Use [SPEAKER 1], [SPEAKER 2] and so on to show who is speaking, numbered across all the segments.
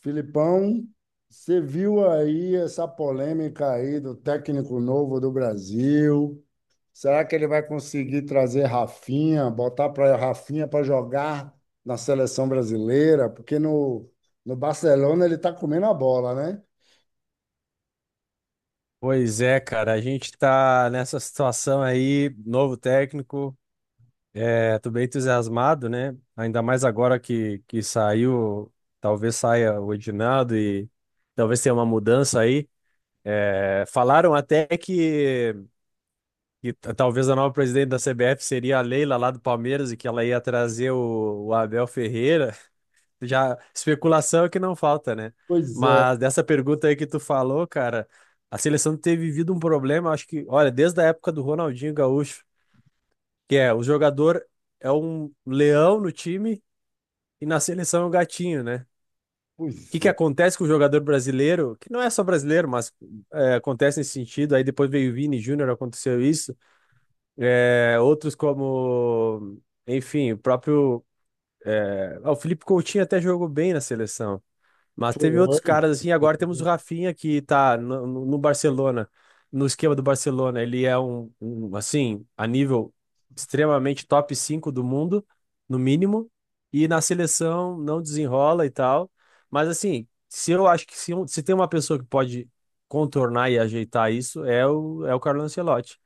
[SPEAKER 1] Filipão, você viu aí essa polêmica aí do técnico novo do Brasil? Será que ele vai conseguir trazer Rafinha, botar para Rafinha para jogar na seleção brasileira? Porque no Barcelona ele está comendo a bola, né?
[SPEAKER 2] Pois é, cara, a gente tá nessa situação aí, novo técnico, tô bem entusiasmado, né? Ainda mais agora que saiu, talvez saia o Edinaldo e talvez tenha uma mudança aí. Falaram até que talvez a nova presidente da CBF seria a Leila lá do Palmeiras e que ela ia trazer o Abel Ferreira. Já especulação é que não falta, né?
[SPEAKER 1] Pois é,
[SPEAKER 2] Mas dessa pergunta aí que tu falou, cara, a seleção tem vivido um problema, acho que, olha, desde a época do Ronaldinho Gaúcho, que é o jogador é um leão no time e na seleção é um gatinho, né? O
[SPEAKER 1] pois
[SPEAKER 2] que que
[SPEAKER 1] é.
[SPEAKER 2] acontece com o jogador brasileiro, que não é só brasileiro, mas acontece nesse sentido, aí depois veio o Vini Júnior, aconteceu isso, é, outros como, enfim, o próprio, o Felipe Coutinho até jogou bem na seleção. Mas teve outros
[SPEAKER 1] Foi.
[SPEAKER 2] caras assim. Agora temos o Rafinha que tá no Barcelona, no esquema do Barcelona. Ele é um, assim, a nível extremamente top 5 do mundo, no mínimo. E na seleção não desenrola e tal. Mas assim, se eu acho que se, um- se tem uma pessoa que pode contornar e ajeitar isso, é é o Carlo Ancelotti.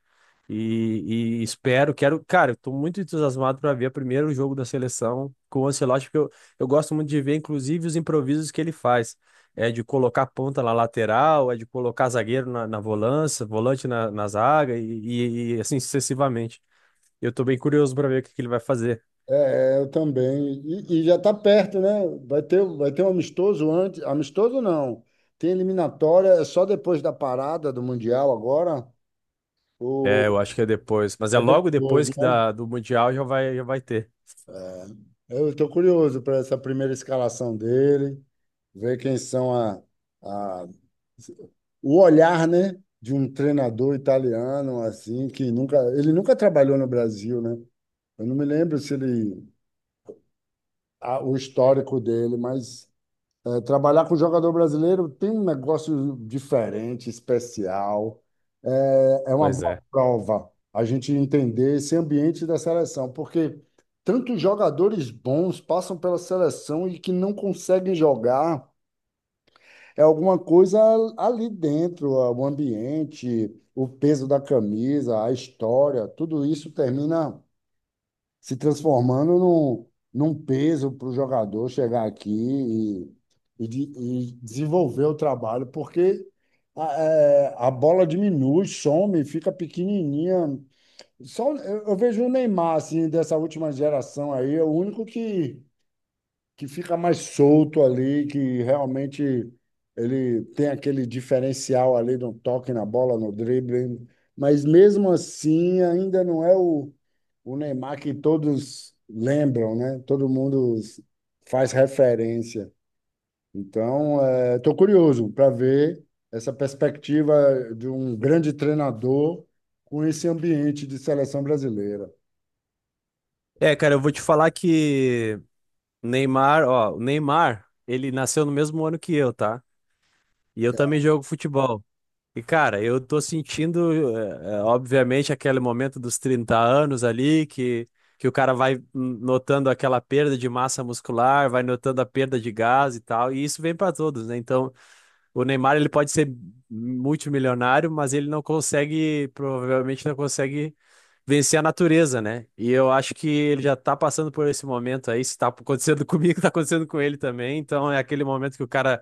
[SPEAKER 2] E espero, quero, cara, eu tô muito entusiasmado para ver primeiro o jogo da seleção com o Ancelotti, eu gosto muito de ver, inclusive, os improvisos que ele faz. É de colocar ponta na lateral, é de colocar zagueiro na volância, volante na zaga e assim sucessivamente. Eu tô bem curioso para ver que ele vai fazer.
[SPEAKER 1] É, é, eu também. E já está perto, né? Vai ter um amistoso antes. Amistoso não. Tem eliminatória, é só depois da parada do Mundial agora.
[SPEAKER 2] É,
[SPEAKER 1] O,
[SPEAKER 2] eu acho que é depois, mas é
[SPEAKER 1] É
[SPEAKER 2] logo
[SPEAKER 1] depois,
[SPEAKER 2] depois que
[SPEAKER 1] né?
[SPEAKER 2] da, do Mundial já vai ter.
[SPEAKER 1] Eu estou curioso para essa primeira escalação dele, ver quem são a, o olhar, né, de um treinador italiano assim que nunca, ele nunca trabalhou no Brasil, né? Eu não me lembro se ele o histórico dele, mas é, trabalhar com jogador brasileiro tem um negócio diferente, especial. É uma
[SPEAKER 2] Pois
[SPEAKER 1] boa
[SPEAKER 2] é.
[SPEAKER 1] prova a gente entender esse ambiente da seleção, porque tantos jogadores bons passam pela seleção e que não conseguem jogar. É alguma coisa ali dentro, é o ambiente, o peso da camisa, a história, tudo isso termina se transformando num, peso para o jogador chegar aqui e desenvolver o trabalho, porque a bola diminui, some, fica pequenininha. Só, eu vejo o Neymar, assim, dessa última geração aí, é o único que fica mais solto ali, que realmente ele tem aquele diferencial ali no toque na bola, no drible, mas mesmo assim ainda não é o Neymar que todos lembram, né? Todo mundo faz referência. Então, estou curioso para ver essa perspectiva de um grande treinador com esse ambiente de seleção brasileira.
[SPEAKER 2] É, cara, eu vou te falar que Neymar, ó, o Neymar, ele nasceu no mesmo ano que eu, tá? E eu também jogo futebol. E, cara, eu tô sentindo, obviamente, aquele momento dos 30 anos ali, que o cara vai notando aquela perda de massa muscular, vai notando a perda de gás e tal, e isso vem para todos, né? Então, o Neymar, ele pode ser multimilionário, mas ele não consegue, provavelmente não consegue vencer a natureza, né? E eu acho que ele já tá passando por esse momento aí, se tá acontecendo comigo, tá acontecendo com ele também, então é aquele momento que o cara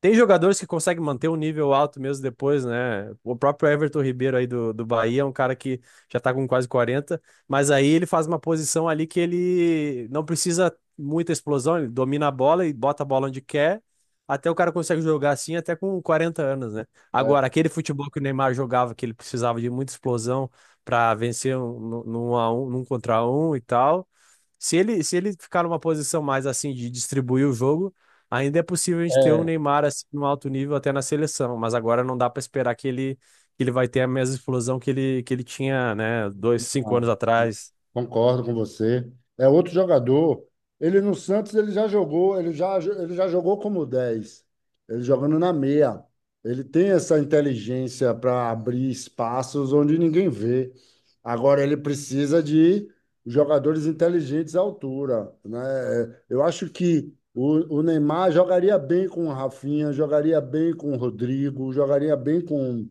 [SPEAKER 2] tem jogadores que conseguem manter um nível alto mesmo depois, né? O próprio Everton Ribeiro aí do Bahia é um cara que já tá com quase 40, mas aí ele faz uma posição ali que ele não precisa muita explosão, ele domina a bola e bota a bola onde quer, até o cara consegue jogar assim até com 40 anos, né?
[SPEAKER 1] É,
[SPEAKER 2] Agora, aquele futebol que o Neymar jogava, que ele precisava de muita explosão para vencer num contra um e tal, se ele ficar numa posição mais assim de distribuir o jogo. Ainda é possível a gente ter o
[SPEAKER 1] é,
[SPEAKER 2] Neymar assim, no alto nível até na seleção, mas agora não dá para esperar que ele vai ter a mesma explosão que ele tinha, né, dois, cinco
[SPEAKER 1] ah.
[SPEAKER 2] anos atrás.
[SPEAKER 1] Concordo com você. É outro jogador. Ele no Santos ele já jogou, ele já jogou como 10. Ele jogando na meia. Ele tem essa inteligência para abrir espaços onde ninguém vê. Agora ele precisa de jogadores inteligentes à altura, né? Eu acho que o Neymar jogaria bem com o Rafinha, jogaria bem com o Rodrigo, jogaria bem com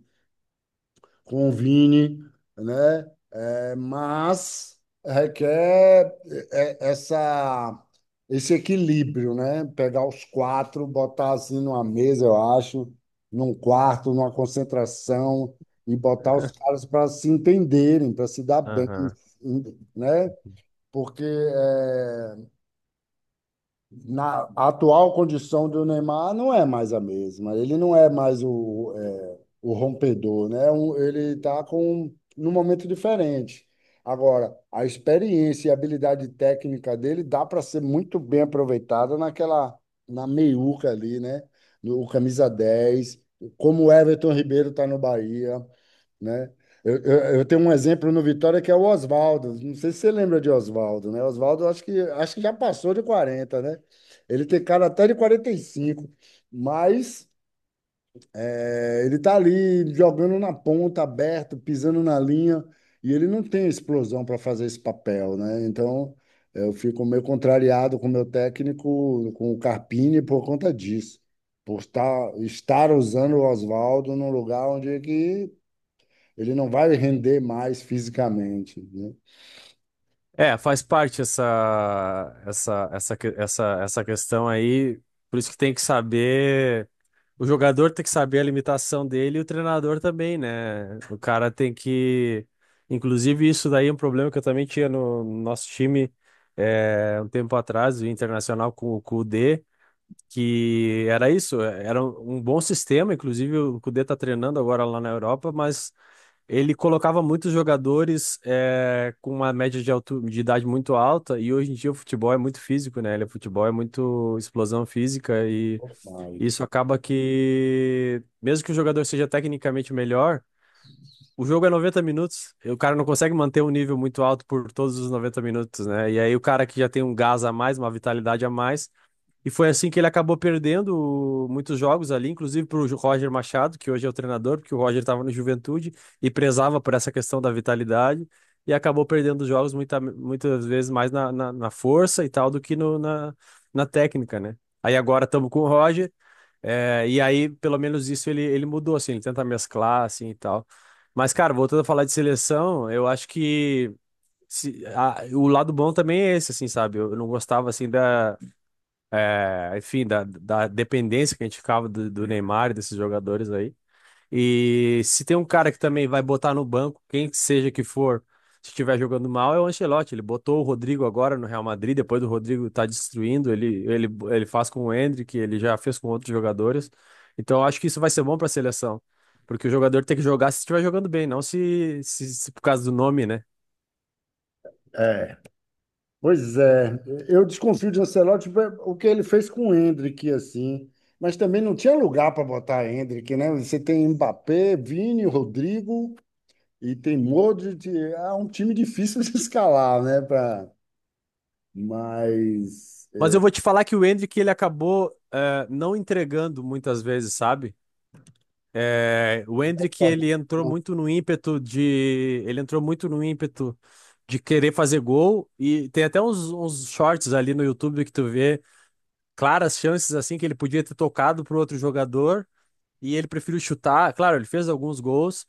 [SPEAKER 1] com o Vini, né? É, mas requer é, é, essa, esse equilíbrio, né? Pegar os quatro, botar assim numa mesa, eu acho, num quarto, numa concentração, e botar os caras para se entenderem, para se dar bem,
[SPEAKER 2] Aham.
[SPEAKER 1] né? Porque na atual condição do Neymar não é mais a mesma. Ele não é mais o rompedor, né? Ele está com num momento diferente. Agora, a experiência e a habilidade técnica dele dá para ser muito bem aproveitada naquela na meiuca ali, né? No o camisa 10 como o Everton Ribeiro está no Bahia, né? Eu tenho um exemplo no Vitória que é o Oswaldo. Não sei se você lembra de Oswaldo, né? Oswaldo acho que já passou de 40, né? Ele tem cara até de 45, mas ele tá ali jogando na ponta, aberto, pisando na linha, e ele não tem explosão para fazer esse papel, né? Então eu fico meio contrariado com o meu técnico, com o Carpini, por conta disso. Por estar usando o Oswaldo num lugar onde é que ele não vai render mais fisicamente, né?
[SPEAKER 2] É, faz parte essa, essa questão aí, por isso que tem que saber. O jogador tem que saber a limitação dele e o treinador também, né? O cara tem que. Inclusive, isso daí é um problema que eu também tinha no nosso time, um tempo atrás, o Internacional com o Kudê, que era isso, era um bom sistema. Inclusive, o Kudê tá treinando agora lá na Europa, mas ele colocava muitos jogadores com uma média de idade muito alta, e hoje em dia o futebol é muito físico, né? Ele, o futebol é muito explosão física,
[SPEAKER 1] Mas,
[SPEAKER 2] isso acaba que, mesmo que o jogador seja tecnicamente melhor, o jogo é 90 minutos, e o cara não consegue manter um nível muito alto por todos os 90 minutos, né? E aí o cara que já tem um gás a mais, uma vitalidade a mais, e foi assim que ele acabou perdendo muitos jogos ali, inclusive pro Roger Machado, que hoje é o treinador, porque o Roger estava no Juventude e prezava por essa questão da vitalidade, e acabou perdendo os jogos muita, muitas vezes mais na força e tal do que no, na, na técnica, né? Aí agora estamos com o Roger. É, e aí, pelo menos isso ele mudou, assim, ele tenta mesclar, assim, e tal. Mas, cara, voltando a falar de seleção, eu acho que o lado bom também é esse, assim, sabe? Eu não gostava, assim, da, é, enfim, da, da dependência que a gente ficava do Neymar e desses jogadores aí. E se tem um cara que também vai botar no banco, quem seja que for, se estiver jogando mal, é o Ancelotti. Ele botou o Rodrigo agora no Real Madrid, depois do Rodrigo tá destruindo, ele faz com o Endrick, ele já fez com outros jogadores. Então eu acho que isso vai ser bom para a seleção, porque o jogador tem que jogar se estiver jogando bem, não se por causa do nome, né?
[SPEAKER 1] é, pois é. Eu desconfio de Ancelotti tipo, o que ele fez com o Endrick, assim. Mas também não tinha lugar para botar Endrick, né? Você tem Mbappé, Vini, Rodrigo e tem Modric. É um time difícil de escalar, né? Pra... Mas...
[SPEAKER 2] Mas
[SPEAKER 1] é,
[SPEAKER 2] eu vou te falar que o Endrick ele acabou não entregando muitas vezes, sabe? É, o Endrick, ele entrou muito no ímpeto de querer fazer gol e tem até uns shorts ali no YouTube que tu vê claras chances assim que ele podia ter tocado pro outro jogador e ele preferiu chutar. Claro, ele fez alguns gols,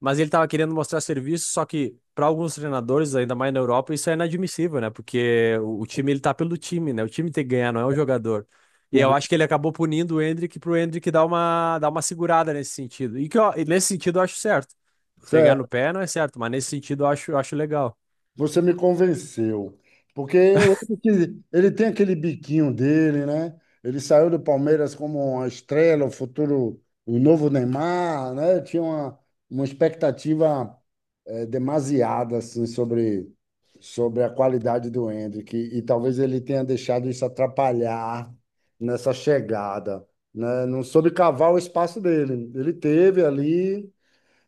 [SPEAKER 2] mas ele estava querendo mostrar serviço, só que para alguns treinadores, ainda mais na Europa, isso é inadmissível, né? Porque o time ele tá pelo time, né? O time tem que ganhar, não é o jogador. E eu
[SPEAKER 1] O...
[SPEAKER 2] acho que ele acabou punindo o Endrick pro Endrick dar uma segurada nesse sentido. E nesse sentido eu acho certo. Pegar no pé não é certo, mas nesse sentido eu acho legal.
[SPEAKER 1] Você me convenceu. Porque eu lembro que ele tem aquele biquinho dele, né? Ele saiu do Palmeiras como uma estrela, o futuro, o novo Neymar, né? Tinha uma expectativa, demasiada assim, sobre a qualidade do Endrick. E talvez ele tenha deixado isso atrapalhar nessa chegada, né? Não soube cavar o espaço dele. Ele teve ali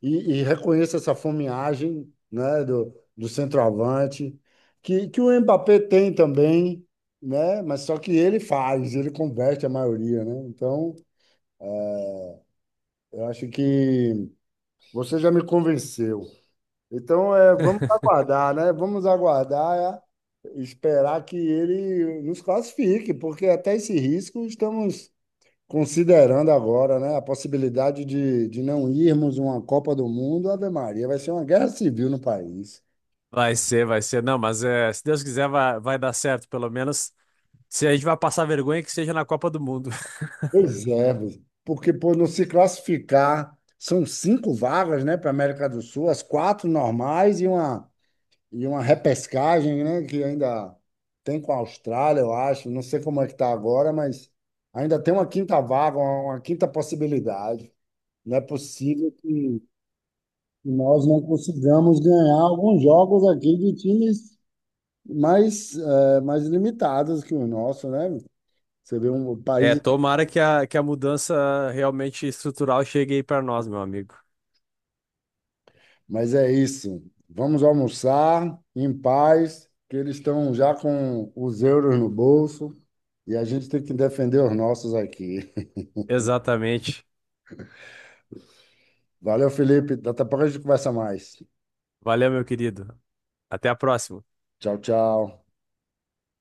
[SPEAKER 1] e reconheça essa fomeagem, né, do centroavante, que o Mbappé tem também, né, mas só que ele faz, ele converte a maioria, né? Então, eu acho que você já me convenceu. Então, vamos aguardar, né? Vamos aguardar, esperar que ele nos classifique, porque até esse risco estamos considerando agora, né, a possibilidade de não irmos uma Copa do Mundo. Ave Maria, vai ser uma guerra civil no país.
[SPEAKER 2] Vai ser, vai ser. Não, mas é, se Deus quiser, vai dar certo, pelo menos. Se a gente vai passar vergonha, que seja na Copa do Mundo.
[SPEAKER 1] Pois é, Bruno. Porque por não se classificar, são cinco vagas, né, para a América do Sul, as quatro normais e uma, repescagem, né, que ainda tem com a Austrália, eu acho. Não sei como é que está agora, mas ainda tem uma quinta vaga, uma quinta possibilidade. Não é possível que nós não consigamos ganhar alguns jogos aqui de times mais limitados que o nosso, né? Você vê um país.
[SPEAKER 2] É, tomara que que a mudança realmente estrutural chegue aí para nós, meu amigo.
[SPEAKER 1] Mas é isso. Vamos almoçar em paz, que eles estão já com os euros no bolso e a gente tem que defender os nossos aqui.
[SPEAKER 2] Exatamente.
[SPEAKER 1] Valeu, Felipe. Daqui a pouco a gente conversa mais.
[SPEAKER 2] Valeu, meu querido. Até a próxima.
[SPEAKER 1] Tchau, tchau.